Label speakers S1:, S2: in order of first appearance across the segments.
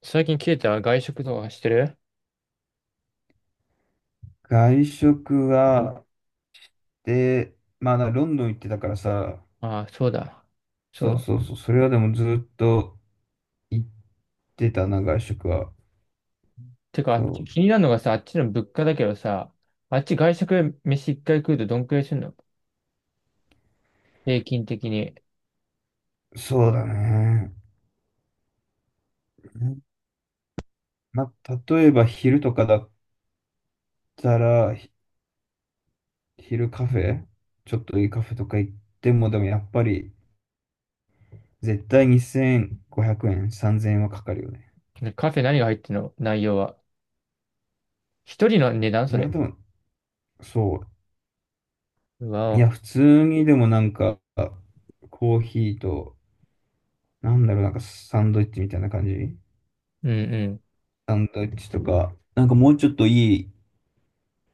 S1: 最近切れた外食とかしてる？
S2: 外食は、で、まあ、ロンドン行ってたからさ、
S1: ああ、そうだ。そう
S2: そう
S1: だ。
S2: そうそう、それはでもずっと行ってたな、外食は。
S1: てか、あ
S2: そ
S1: っち、気になるのがさ、あっちの物価だけどさ、あっち外食飯一回食うとどんくらいするの？平均的に。
S2: う、そうだね。まあ、例えば昼とかだったら、昼カフェ、ちょっといいカフェとか行っても、でもやっぱり、絶対2500円、3000円はかかるよね。
S1: ねカフェ何が入ってるの？内容は。一人の値段
S2: い
S1: そ
S2: や、
S1: れ？
S2: でも、そ
S1: うわ
S2: う。いや、
S1: お。
S2: 普通にでもなんか、コーヒーと、なんだろう、なんかサンドイッチみたいな感じ。
S1: うんうん。
S2: サンドイッチとか、なんかもうちょっといい、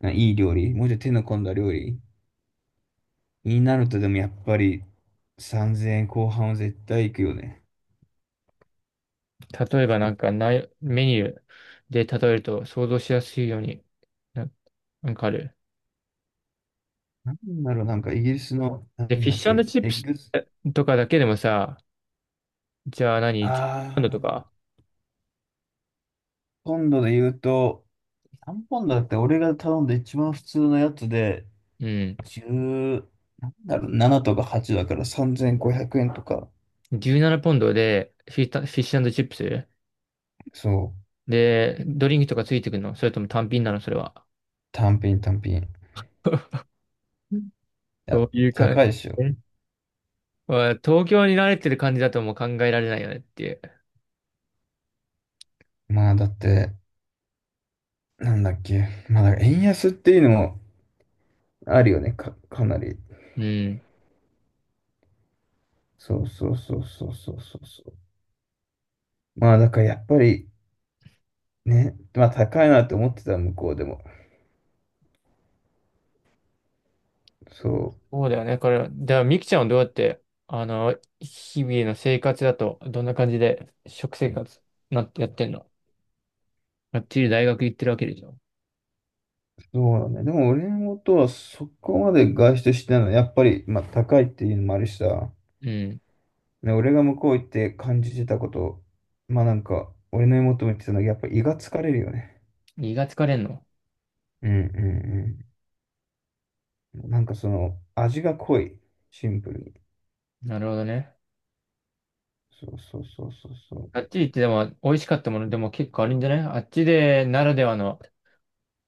S2: いい料理、もうちょっと手の込んだ料理になるとでもやっぱり3000円後半は絶対行くよね。
S1: 例えばなんか内、メニューで例えると想像しやすいように、な、なんかある？
S2: なんだろう、なんかイギリスの、な
S1: で、フ
S2: ん
S1: ィッ
S2: だっ
S1: シュ
S2: け、
S1: チッ
S2: エ
S1: プ
S2: ッ
S1: ス
S2: グス、
S1: とかだけでもさ、じゃあ
S2: あ
S1: 何？ 10 ポンドと
S2: ー、
S1: か？
S2: ポンドで言うと、何ポンドだって俺が頼んで一番普通のやつで、
S1: うん。
S2: 1なんだろう、7とか8だから3500円とか、
S1: 17ポンドでフィッタ、フィッシュチップス
S2: そう、
S1: で、ドリンクとかついてくるの？それとも単品なのそれは。
S2: 単品単品。い
S1: うん、そ
S2: や、
S1: ういうか、え、
S2: 高いでしょ。
S1: まあ東京に慣れてる感じだともう考えられないよねっていう。
S2: まあだって、なんだっけ。まあ、だから円安っていうのもあるよね。かなり。
S1: うん。
S2: そうそうそうそうそうそうそう。まあ、だからやっぱりね、まあ高いなって思ってた、向こうでも。そ
S1: そうだよね。これ、では、ミキちゃんはどうやって、あの、日々の生活だと、どんな感じで、食生活、なってやってんの？がっちり大学行ってるわけでしょ。
S2: う、そうだね。でも俺のことはそこまで外出してないのは、やっぱり、まあ高いっていうのもあるしさ、
S1: うん。
S2: ね、俺が向こう行って感じてたこと、まあなんか、俺の妹も言ってたのは、やっぱ胃が疲れるよね。
S1: 胃が疲れんの？
S2: うんうんうん。なんかその、味が濃い。シンプルに。
S1: なるほどね。
S2: そうそうそうそうそ
S1: あ
S2: う。
S1: っちりってでも、美味しかったものでも結構あるんじゃない、あっちで、ならではの、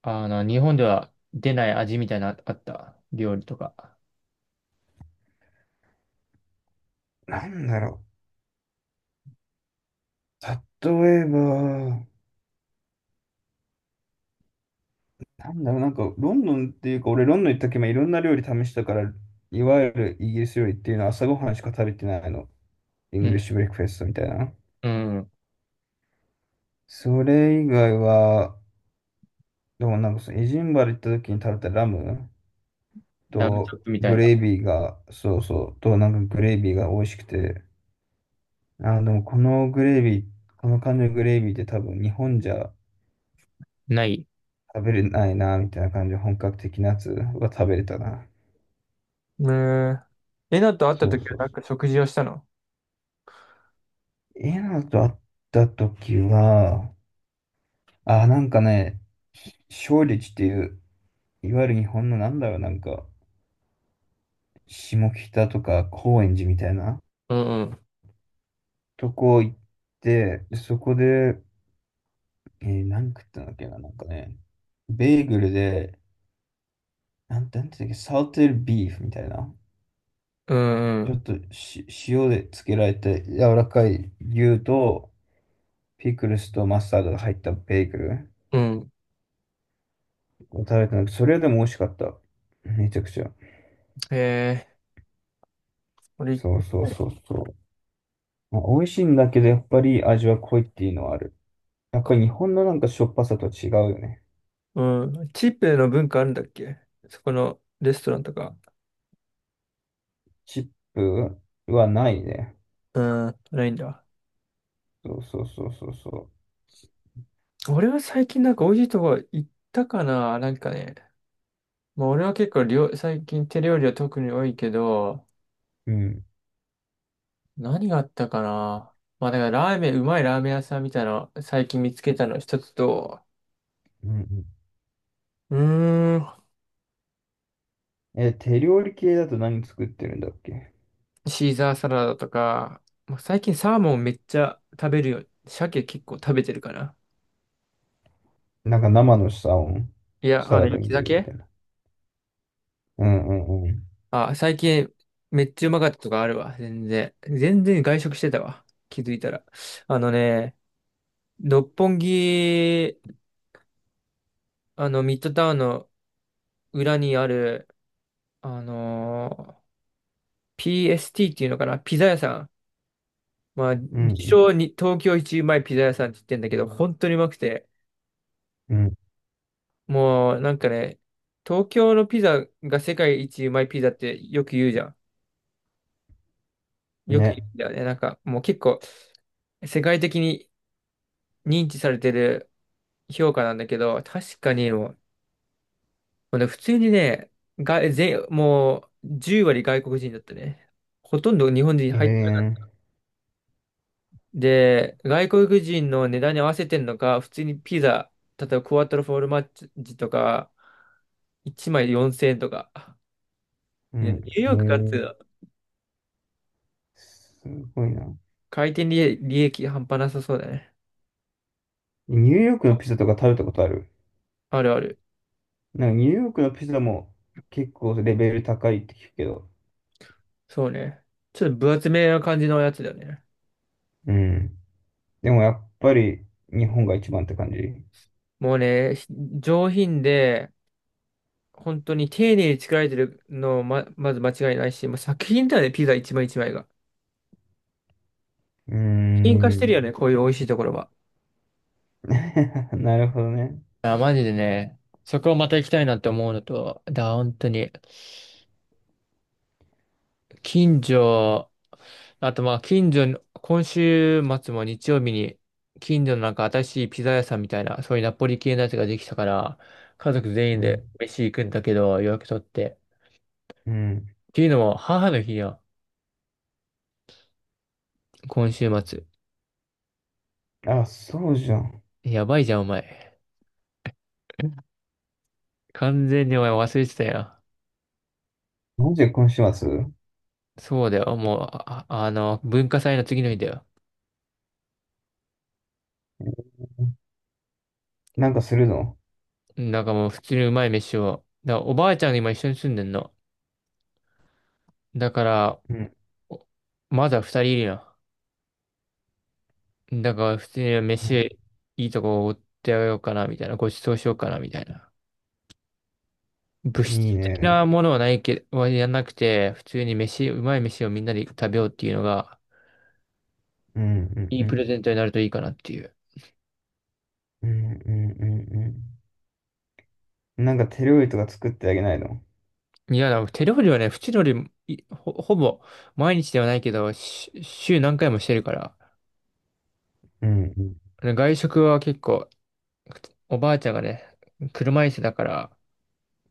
S1: あの、日本では出ない味みたいな、あった料理とか。
S2: なんだろう。例えば、なんだろう、なんか、ロンドンっていうか、俺、ロンドン行った時もいろんな料理試したから、いわゆるイギリス料理っていうのは朝ごはんしか食べてないの。イン
S1: う
S2: グリ
S1: ん。
S2: ッシュブレックフェストみたいな。
S1: うん。
S2: それ以外は、でもなんかその、エジンバル行った時に食べたラム
S1: ラムチョ
S2: と、
S1: ップみた
S2: グ
S1: いな。
S2: レービーが、そうそう、と、なんかグレービーが美味しくて、でもこのグレービー、この感じのグレービーって多分日本じゃ
S1: ない。
S2: 食べれないな、みたいな感じで本格的なやつは食べれたな。
S1: ねえ。えなと会った
S2: そう
S1: 時は
S2: そう
S1: なん
S2: そう。
S1: か食事をしたの？
S2: エナと会った時は、あ、なんかね、勝立っていう、いわゆる日本のなんだろう、なんか、下北とか高円寺みたいな
S1: うんうん。
S2: とこ行って、でそこで、何食ったんだっけな、なんかね、ベーグルで、なんていうんだっけ、サウテルビーフみたいな、
S1: うんう
S2: ちょ
S1: ん。
S2: っと塩でつけられて柔らかい牛と、ピクルスとマスタードが入ったベーグル。
S1: うん。
S2: 食べてなくて、それでも美味しかった。めちゃくちゃ。
S1: へえ。俺行
S2: そう
S1: って
S2: そう
S1: ない、
S2: そうそう。まあ、美味しいんだけど、やっぱり味は濃いっていうのはある。やっぱり日本のなんかしょっぱさと違うよね。
S1: うん。チープの文化あるんだっけ？そこのレストランとか。
S2: チップはないね。
S1: うん。ないんだ。
S2: そうそうそうそうそ
S1: 俺は最近なんか美味しいとこ行ったかな、なんかね。まあ俺は結構料、最近手料理は特に多いけど、
S2: う。うん。
S1: 何があったかな。まあだからラーメン、うまいラーメン屋さんみたいなの最近見つけたの一つと、
S2: うんう
S1: うーん、
S2: ん。え、手料理系だと何作ってるんだっけ？
S1: シーザーサラダとか、まあ、最近サーモンめっちゃ食べるよ。鮭結構食べてるかな。
S2: なんか生のサーモン、
S1: いや、
S2: サ
S1: あ
S2: ラ
S1: の、
S2: ダに
S1: 雪
S2: 入れるみた
S1: 鮭
S2: いな。うんうんうん。
S1: あ、最近めっちゃうまかったとかあるわ。全然。全然外食してたわ。気づいたら。あのね、六本木、あの、ミッドタウンの裏にある、あのー PST っていうのかなピザ屋さん。まあ、
S2: う
S1: 自
S2: ん
S1: 称に東京一うまいピザ屋さんって言ってんだけど、本当にうまくて、
S2: うん
S1: もうなんかね、東京のピザが世界一うまいピザってよく言うじゃん。
S2: うん。
S1: よく言
S2: ね。
S1: うんだよね。なんかもう結構世界的に認知されてる評価なんだけど、確かにもう、もうね普通にね、が、全、もう10割外国人だったね。ほとんど日本人
S2: え
S1: 入ってない
S2: ー、
S1: で、外国人の値段に合わせてんのか、普通にピザ、例えばクワトロフォルマッジとか、1枚4,000円とか。
S2: う
S1: いや、ニ
S2: ん。
S1: ューヨ
S2: え
S1: ークかってい
S2: ー、
S1: う。
S2: すごいな。
S1: 回転利利益半端なさそうだね。
S2: ニューヨークのピザとか食べたことある？
S1: あるある。
S2: なんかニューヨークのピザも結構レベル高いって聞くけど。
S1: そうね。ちょっと分厚めな感じのやつだよね。
S2: うん。でもやっぱり日本が一番って感じ。う
S1: もうね、ひ上品で、本当に丁寧に作られてるのま、まず間違いないし、もう作品だよね、ピザ一枚一枚が。
S2: ー
S1: 品化してるよ
S2: ん。
S1: ね、こういう美味しいところは。
S2: なるほどね。
S1: あマジでね、そこをまた行きたいなって思うのと、だ、本当に、近所、あとまあ、近所の、今週末も日曜日に、近所のなんか新しいピザ屋さんみたいな、そういうナポリ系のやつができたから、家族全員
S2: うん。
S1: で飯行くんだけど、予約取って。
S2: うん。
S1: っていうのも、母の日や、今週末。
S2: あ、そうじゃん。
S1: やばいじゃん、お前。完全にお前忘れてたよ。
S2: なんで今週末
S1: そうだよ、もう、あ、あの、文化祭の次の日だよ。
S2: なんかするの？
S1: なんかもう普通にうまい飯を。だからおばあちゃんが今一緒に住んでんの。だから、
S2: うん。
S1: お、まだ二人いるやん。だから普通に飯いいとこおごってあげようかな、みたいな。ごちそうしようかな、みたいな。物
S2: いい
S1: 質的な
S2: ね。
S1: ものはないけど、はやんなくて、普通に飯、うまい飯をみんなで食べようっていうのが、
S2: うんう
S1: い
S2: ん
S1: い
S2: う
S1: プレ
S2: ん。
S1: ゼントになるといいかなっていう。
S2: うんうんうんうん。なんか手料理とか作ってあげないの？
S1: いや、でも手料理はね、普通のよりいほ、ほぼ毎日ではないけど、し週何回もしてるから。
S2: うんうん。
S1: 外食は結構おばあちゃんがね、車椅子だから、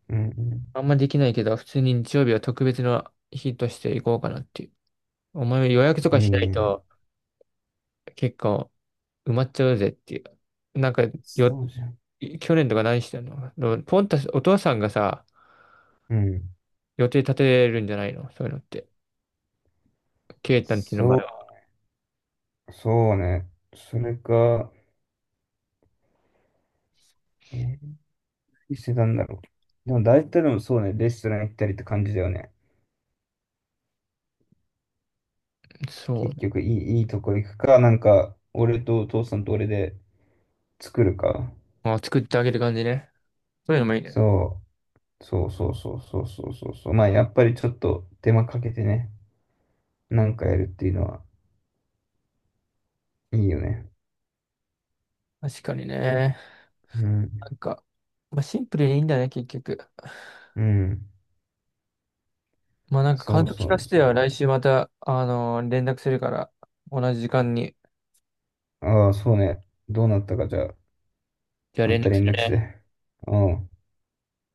S2: うん
S1: あんまできないけど、普通に日曜日は特別な日として行こうかなっていう。お前予約と
S2: うん。
S1: か
S2: い
S1: し
S2: い
S1: ない
S2: ね。
S1: と結構埋まっちゃうぜっていう。なんかよ、
S2: そうじゃん。
S1: 去年とか何してんの？でもポンタス、お父さんがさ、
S2: うん。
S1: 予定立てるんじゃないの？そういうのって。ケイタンちの場
S2: そ
S1: 合は。
S2: うそうね。それか、えー、何してたんだろう。でも大体でもそうね、レストラン行ったりって感じだよね。
S1: そ
S2: 結
S1: う。
S2: 局いいとこ行くか、なんか、俺とお父さんと俺で作るか。
S1: あ、作ってあげる感じね。そういうのもいいね。
S2: そう、そうそうそうそうそうそうそう。まあ、やっぱりちょっと手間かけてね、なんかやるっていうのはいいよね。
S1: 確かにね。
S2: う
S1: な
S2: ん、
S1: んか、まあ、シンプルにいいんだね、結局。
S2: うん。
S1: まあなんか
S2: そ
S1: 感
S2: う
S1: 想聞
S2: そ
S1: か
S2: う
S1: せてよ。来
S2: そ
S1: 週また、連絡するから、同じ時間に。
S2: う。ああ、そうね。どうなったか、じゃあ、
S1: じゃあ
S2: あん
S1: 連
S2: た
S1: 絡す
S2: 連
S1: る
S2: 絡し
S1: ね。
S2: て。うん。